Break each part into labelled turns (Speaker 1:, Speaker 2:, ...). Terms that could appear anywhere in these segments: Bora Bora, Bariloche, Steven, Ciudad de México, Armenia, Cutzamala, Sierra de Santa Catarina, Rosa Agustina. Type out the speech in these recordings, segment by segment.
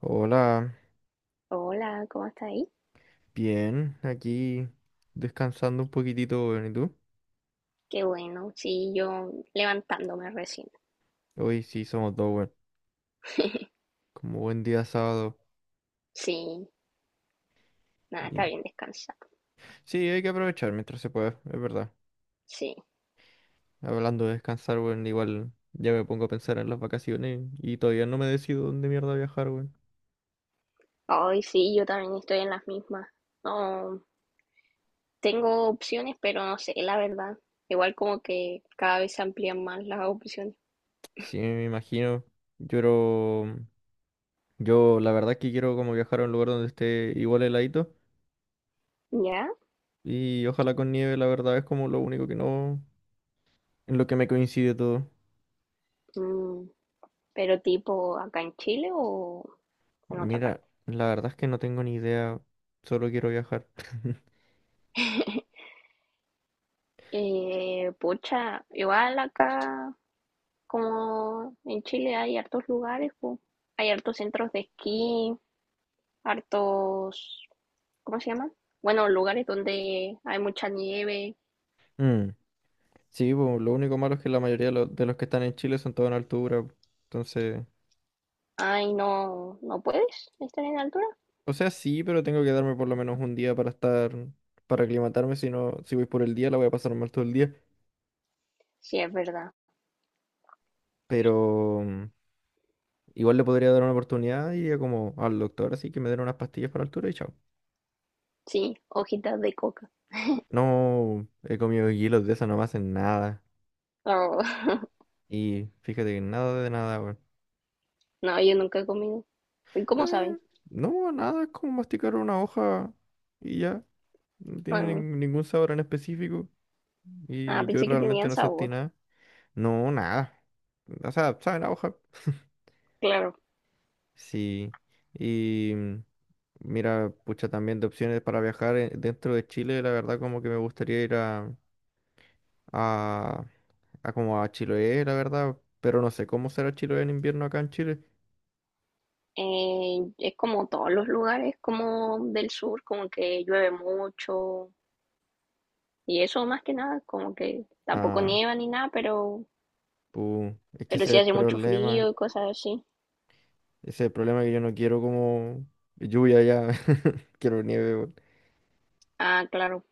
Speaker 1: Hola,
Speaker 2: Hola, ¿cómo está ahí?
Speaker 1: bien, aquí descansando un poquitito, weón, ¿y tú?
Speaker 2: Qué bueno, sí, yo levantándome recién.
Speaker 1: Hoy sí somos dos, weón, como buen día sábado.
Speaker 2: Sí, nada, está
Speaker 1: Y...
Speaker 2: bien descansado.
Speaker 1: Sí, hay que aprovechar mientras se pueda, es verdad.
Speaker 2: Sí.
Speaker 1: Hablando de descansar, weón, igual ya me pongo a pensar en las vacaciones y todavía no me decido dónde mierda viajar, weón.
Speaker 2: Ay, sí, yo también estoy en las mismas. No, tengo opciones, pero no sé, la verdad. Igual como que cada vez se amplían más las opciones.
Speaker 1: Sí, me imagino. Yo, creo- yo la verdad es que quiero como viajar a un lugar donde esté igual heladito
Speaker 2: ¿Ya?
Speaker 1: y ojalá con nieve, la verdad es como lo único que no, en lo que me coincide todo.
Speaker 2: Mm, pero tipo acá en Chile o en otra parte.
Speaker 1: Mira, la verdad es que no tengo ni idea, solo quiero viajar.
Speaker 2: Pucha, igual acá como en Chile hay hartos lugares, po. Hay hartos centros de esquí, hartos, ¿cómo se llama? Bueno, lugares donde hay mucha nieve.
Speaker 1: Mm, sí, pues, lo único malo es que la mayoría de los que están en Chile son todos en altura. Entonces,
Speaker 2: Ay, no, no puedes estar en altura.
Speaker 1: o sea, sí, pero tengo que darme por lo menos un día para estar, para aclimatarme. Si no, si voy por el día, la voy a pasar mal todo el día.
Speaker 2: Sí, es verdad.
Speaker 1: Pero igual le podría dar una oportunidad y iría como al doctor, así que me den unas pastillas para altura y chao.
Speaker 2: Sí, hojitas de coca.
Speaker 1: No he comido hielos de eso, no me hacen nada.
Speaker 2: Oh,
Speaker 1: Y fíjate que nada de nada, weón.
Speaker 2: no, yo nunca he comido. ¿Y cómo
Speaker 1: Eh,
Speaker 2: saben?
Speaker 1: no, nada, es como masticar una hoja y ya. No tiene
Speaker 2: Mm.
Speaker 1: ningún sabor en específico.
Speaker 2: Ah,
Speaker 1: Y yo
Speaker 2: pensé que
Speaker 1: realmente
Speaker 2: tenían
Speaker 1: no sentí
Speaker 2: sabor.
Speaker 1: nada. No, nada. O sea, sabe la hoja.
Speaker 2: Claro.
Speaker 1: Sí. Y mira, pucha, también de opciones para viajar dentro de Chile, la verdad como que me gustaría ir a, a como a Chiloé, la verdad. Pero no sé cómo será Chiloé en invierno acá en Chile.
Speaker 2: Es como todos los lugares como del sur, como que llueve mucho. Y eso más que nada, como que tampoco
Speaker 1: Ah,
Speaker 2: nieva ni nada,
Speaker 1: pu, es que
Speaker 2: pero
Speaker 1: ese es
Speaker 2: sí
Speaker 1: el
Speaker 2: hace mucho
Speaker 1: problema.
Speaker 2: frío y cosas así.
Speaker 1: Ese es el problema que yo no quiero como lluvia ya. Quiero nieve, weón.
Speaker 2: Ah, claro.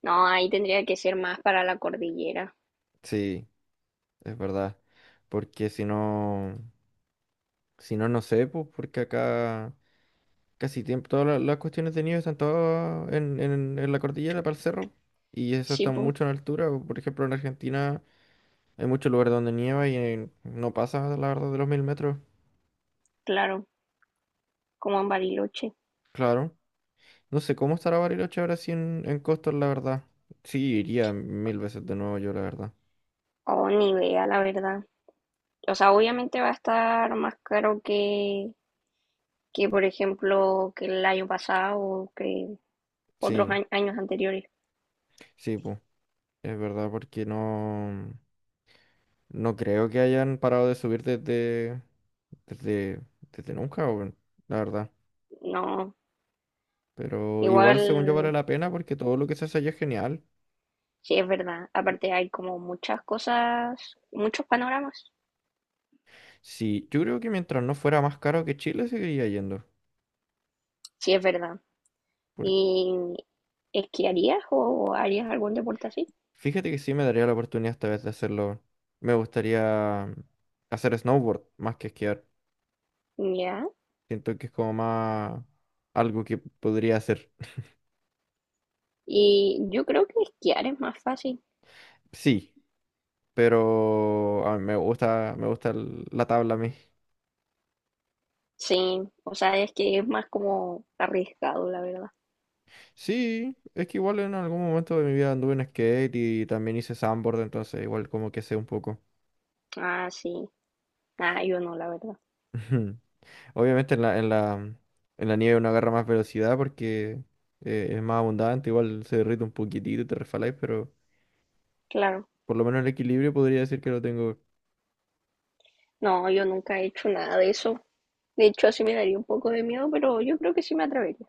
Speaker 2: No, ahí tendría que ser más para la cordillera.
Speaker 1: Sí, es verdad. Porque si no, si no, no sé, pues porque acá casi tiempo, todas las cuestiones de nieve están todas en, en la cordillera para el cerro. Y eso
Speaker 2: Sí,
Speaker 1: está
Speaker 2: pues,
Speaker 1: mucho en altura. Por ejemplo, en Argentina hay muchos lugares donde nieva y no pasa, la verdad, de los mil metros.
Speaker 2: claro, como en Bariloche.
Speaker 1: Claro. No sé cómo estará Bariloche ahora sí en costas, la verdad. Sí, iría mil veces de nuevo yo, la verdad.
Speaker 2: O ni vea, la verdad. O sea, obviamente va a estar más caro que por ejemplo, que el año pasado o que otros
Speaker 1: Sí,
Speaker 2: años anteriores.
Speaker 1: sí, pues. Es verdad, porque no, no creo que hayan parado de subir desde, desde nunca, weón, la verdad.
Speaker 2: No,
Speaker 1: Pero igual,
Speaker 2: igual,
Speaker 1: según yo, vale la pena porque todo lo que se hace allá es genial.
Speaker 2: sí es verdad. Aparte hay como muchas cosas, muchos panoramas.
Speaker 1: Sí, yo creo que mientras no fuera más caro que Chile, seguiría yendo.
Speaker 2: Sí es verdad.
Speaker 1: Por-
Speaker 2: ¿Y esquiarías o harías algún deporte así?
Speaker 1: Fíjate que sí me daría la oportunidad esta vez de hacerlo. Me gustaría hacer snowboard más que esquiar.
Speaker 2: Ya.
Speaker 1: Siento que es como más algo que podría hacer.
Speaker 2: Y yo creo que esquiar es más fácil.
Speaker 1: Sí, pero a mí me gusta, la tabla a mí.
Speaker 2: Sí, o sea, es que es más como arriesgado, la verdad.
Speaker 1: Sí, es que igual en algún momento de mi vida anduve en skate y también hice sandboard, entonces igual como que sé un poco.
Speaker 2: Ah, sí. Ah, yo no, la verdad.
Speaker 1: Obviamente en la nieve uno agarra más velocidad porque es más abundante, igual se derrite un poquitito y te resbaláis, pero
Speaker 2: Claro.
Speaker 1: por lo menos el equilibrio podría decir que lo tengo.
Speaker 2: No, yo nunca he hecho nada de eso. De hecho, así me daría un poco de miedo, pero yo creo que sí me atrevería.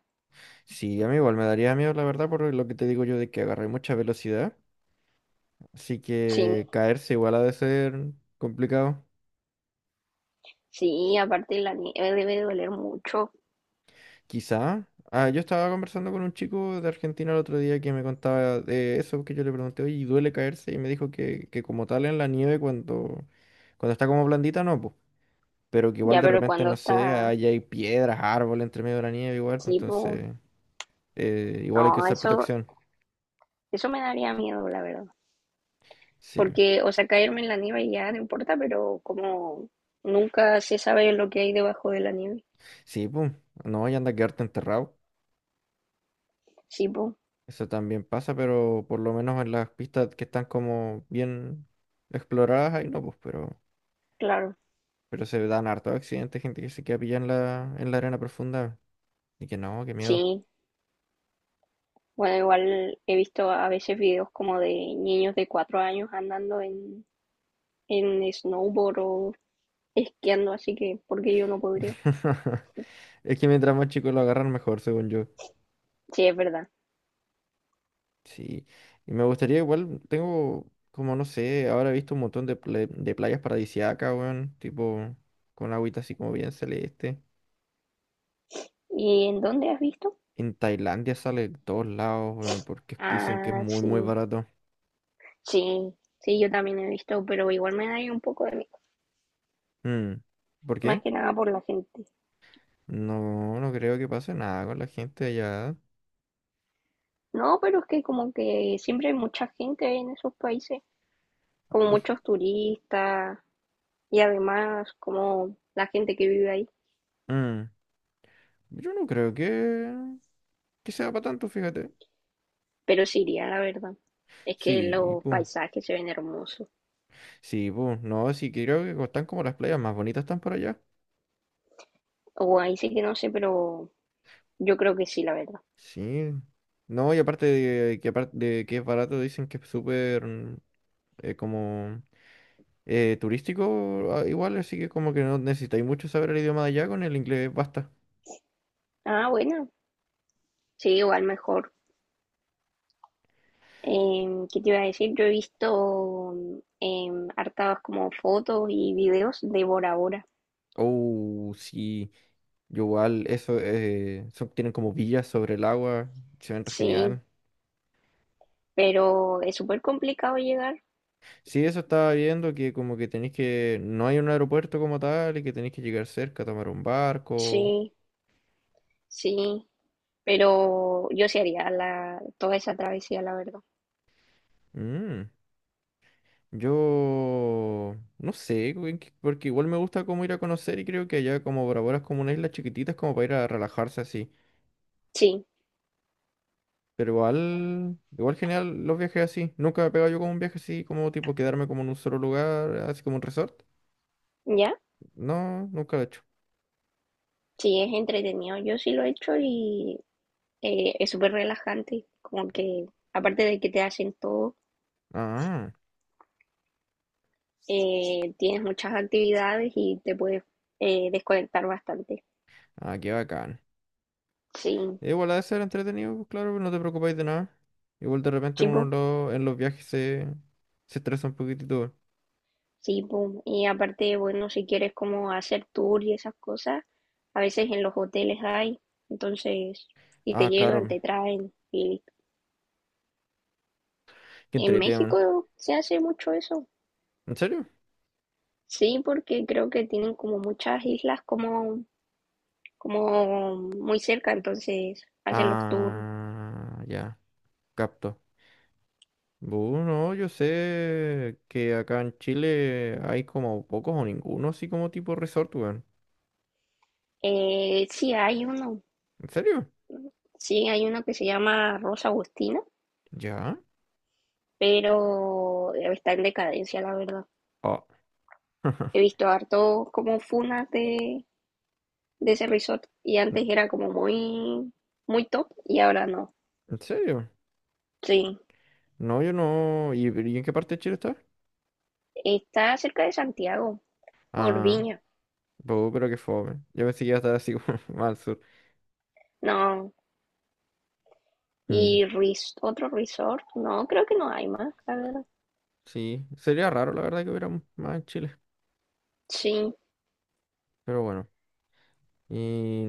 Speaker 1: Sí, a mí igual me daría miedo, la verdad, por lo que te digo yo de que agarré mucha velocidad, así
Speaker 2: Sí,
Speaker 1: que caerse igual ha de ser complicado.
Speaker 2: sí, aparte la nieve debe doler mucho.
Speaker 1: Quizá. Ah, yo estaba conversando con un chico de Argentina el otro día que me contaba de eso, que yo le pregunté, oye, ¿y duele caerse? Y me dijo que como tal en la nieve cuando está como blandita, no, pues. Pero que igual
Speaker 2: Ya,
Speaker 1: de
Speaker 2: pero
Speaker 1: repente,
Speaker 2: cuando
Speaker 1: no sé,
Speaker 2: está,
Speaker 1: ahí hay piedras, árboles entre medio de la nieve igual, pues
Speaker 2: sí, po,
Speaker 1: entonces igual hay que
Speaker 2: no,
Speaker 1: usar
Speaker 2: eso,
Speaker 1: protección.
Speaker 2: eso me daría miedo, la verdad.
Speaker 1: Sí,
Speaker 2: Porque, o sea, caerme en la nieve ya no importa, pero como nunca se sabe lo que hay debajo de la nieve.
Speaker 1: sí, pues, no, y anda a quedarte enterrado.
Speaker 2: Sí, po,
Speaker 1: Eso también pasa, pero por lo menos en las pistas que están como bien exploradas, ahí no, pues, pero...
Speaker 2: claro.
Speaker 1: Pero se dan hartos accidentes, gente que se queda pillada en en la arena profunda. Y que no, qué miedo.
Speaker 2: Sí, bueno, igual he visto a veces videos como de niños de 4 años andando en snowboard o esquiando, así que porque yo no podría.
Speaker 1: Es que mientras más chicos lo agarran, mejor, según yo.
Speaker 2: Sí, es verdad.
Speaker 1: Sí. Y me gustaría, igual, tengo, como no sé, ahora he visto un montón de playas paradisíacas, weón. Tipo, con agüita así como bien celeste.
Speaker 2: ¿Y en dónde has visto?
Speaker 1: En Tailandia sale de todos lados, weón, porque dicen que es
Speaker 2: Ah,
Speaker 1: muy,
Speaker 2: sí,
Speaker 1: muy barato.
Speaker 2: sí, sí, yo también he visto, pero igual me da ahí un poco de miedo,
Speaker 1: Mm. ¿Por
Speaker 2: más
Speaker 1: qué?
Speaker 2: que nada por la gente.
Speaker 1: No, no creo que pase nada con la gente allá.
Speaker 2: No, pero es que como que siempre hay mucha gente en esos países, como
Speaker 1: Pues,
Speaker 2: muchos turistas y además como la gente que vive ahí.
Speaker 1: mm, yo no creo que. Que sea para tanto, fíjate.
Speaker 2: Pero sí iría, la verdad. Es que
Speaker 1: Sí,
Speaker 2: los
Speaker 1: pum.
Speaker 2: paisajes se ven hermosos.
Speaker 1: Sí, pum. No, sí, creo que están como las playas más bonitas están por allá.
Speaker 2: O ahí sí que no sé, pero yo creo que sí, la verdad.
Speaker 1: Sí. No, y aparte de que es barato, dicen que es súper como turístico igual, así que como que no necesitáis mucho saber el idioma de allá, con el inglés basta.
Speaker 2: Ah, bueno, sí, igual mejor. ¿Qué te iba a decir? Yo he visto hartas como fotos y videos de Bora Bora.
Speaker 1: Oh, sí. Yo igual, eso, tienen como villas sobre el agua, se ven re
Speaker 2: Sí,
Speaker 1: genial.
Speaker 2: pero es súper complicado llegar.
Speaker 1: Sí, eso estaba viendo que como que tenéis que... No hay un aeropuerto como tal y que tenéis que llegar cerca, tomar un barco.
Speaker 2: Sí, sí, pero yo sí haría la, toda esa travesía, la verdad.
Speaker 1: Mm, yo... No sé, porque igual me gusta como ir a conocer y creo que allá como Bora Bora es como una isla chiquitita, es como para ir a relajarse así.
Speaker 2: Sí,
Speaker 1: Pero igual... Igual genial los viajes así. Nunca me he pegado yo como un viaje así, como tipo quedarme como en un solo lugar, así como un resort.
Speaker 2: ya,
Speaker 1: No, nunca lo he hecho.
Speaker 2: sí, es entretenido. Yo sí lo he hecho y es súper relajante, como que aparte de que te hacen todo,
Speaker 1: Ah,
Speaker 2: tienes muchas actividades y te puedes desconectar bastante.
Speaker 1: ah, qué bacán.
Speaker 2: Sí,
Speaker 1: Igual ha de ser entretenido, pues, claro, pues, no te preocupáis de nada. Igual de repente
Speaker 2: chipo,
Speaker 1: en los viajes se estresa un poquitito, weón.
Speaker 2: sí, po. Y aparte, bueno, si quieres como hacer tour y esas cosas, a veces en los hoteles hay, entonces, y
Speaker 1: Ah,
Speaker 2: te llegan,
Speaker 1: claro,
Speaker 2: te traen. Y listo.
Speaker 1: que
Speaker 2: En
Speaker 1: entretenido, weón.
Speaker 2: México se hace mucho eso.
Speaker 1: ¿En serio?
Speaker 2: Sí, porque creo que tienen como muchas islas como, como muy cerca, entonces hacen los tours.
Speaker 1: Ah, ya, capto. Bueno, yo sé que acá en Chile hay como pocos o ninguno así como tipo resort, weón.
Speaker 2: Sí, hay uno,
Speaker 1: ¿En serio?
Speaker 2: sí, hay uno que se llama Rosa Agustina,
Speaker 1: ¿Ya?
Speaker 2: pero está en decadencia, la verdad.
Speaker 1: Ah,
Speaker 2: He visto harto como funas de ese resort y
Speaker 1: ¿En
Speaker 2: antes era como muy, muy top y ahora no.
Speaker 1: en serio?
Speaker 2: Sí,
Speaker 1: No, yo no. Y en qué parte de Chile está?
Speaker 2: está cerca de Santiago, por
Speaker 1: Ah,
Speaker 2: Viña,
Speaker 1: bu, pero qué fome. Yo pensé que iba a estar así como más al sur.
Speaker 2: no.
Speaker 1: Mm.
Speaker 2: Y res- otro resort, no, creo que no hay más, la verdad.
Speaker 1: Sí, sería raro la verdad que hubiera más en Chile,
Speaker 2: Sí,
Speaker 1: pero bueno. Y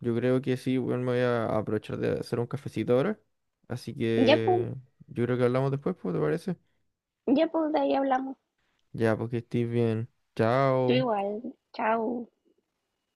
Speaker 1: yo creo que sí, bueno, me voy a aprovechar de hacer un cafecito ahora. Así
Speaker 2: ya pues,
Speaker 1: que yo creo que hablamos después, pues, ¿te parece?
Speaker 2: ya pues, de ahí hablamos.
Speaker 1: Ya, porque estés bien.
Speaker 2: Tú
Speaker 1: Chao.
Speaker 2: igual, chao.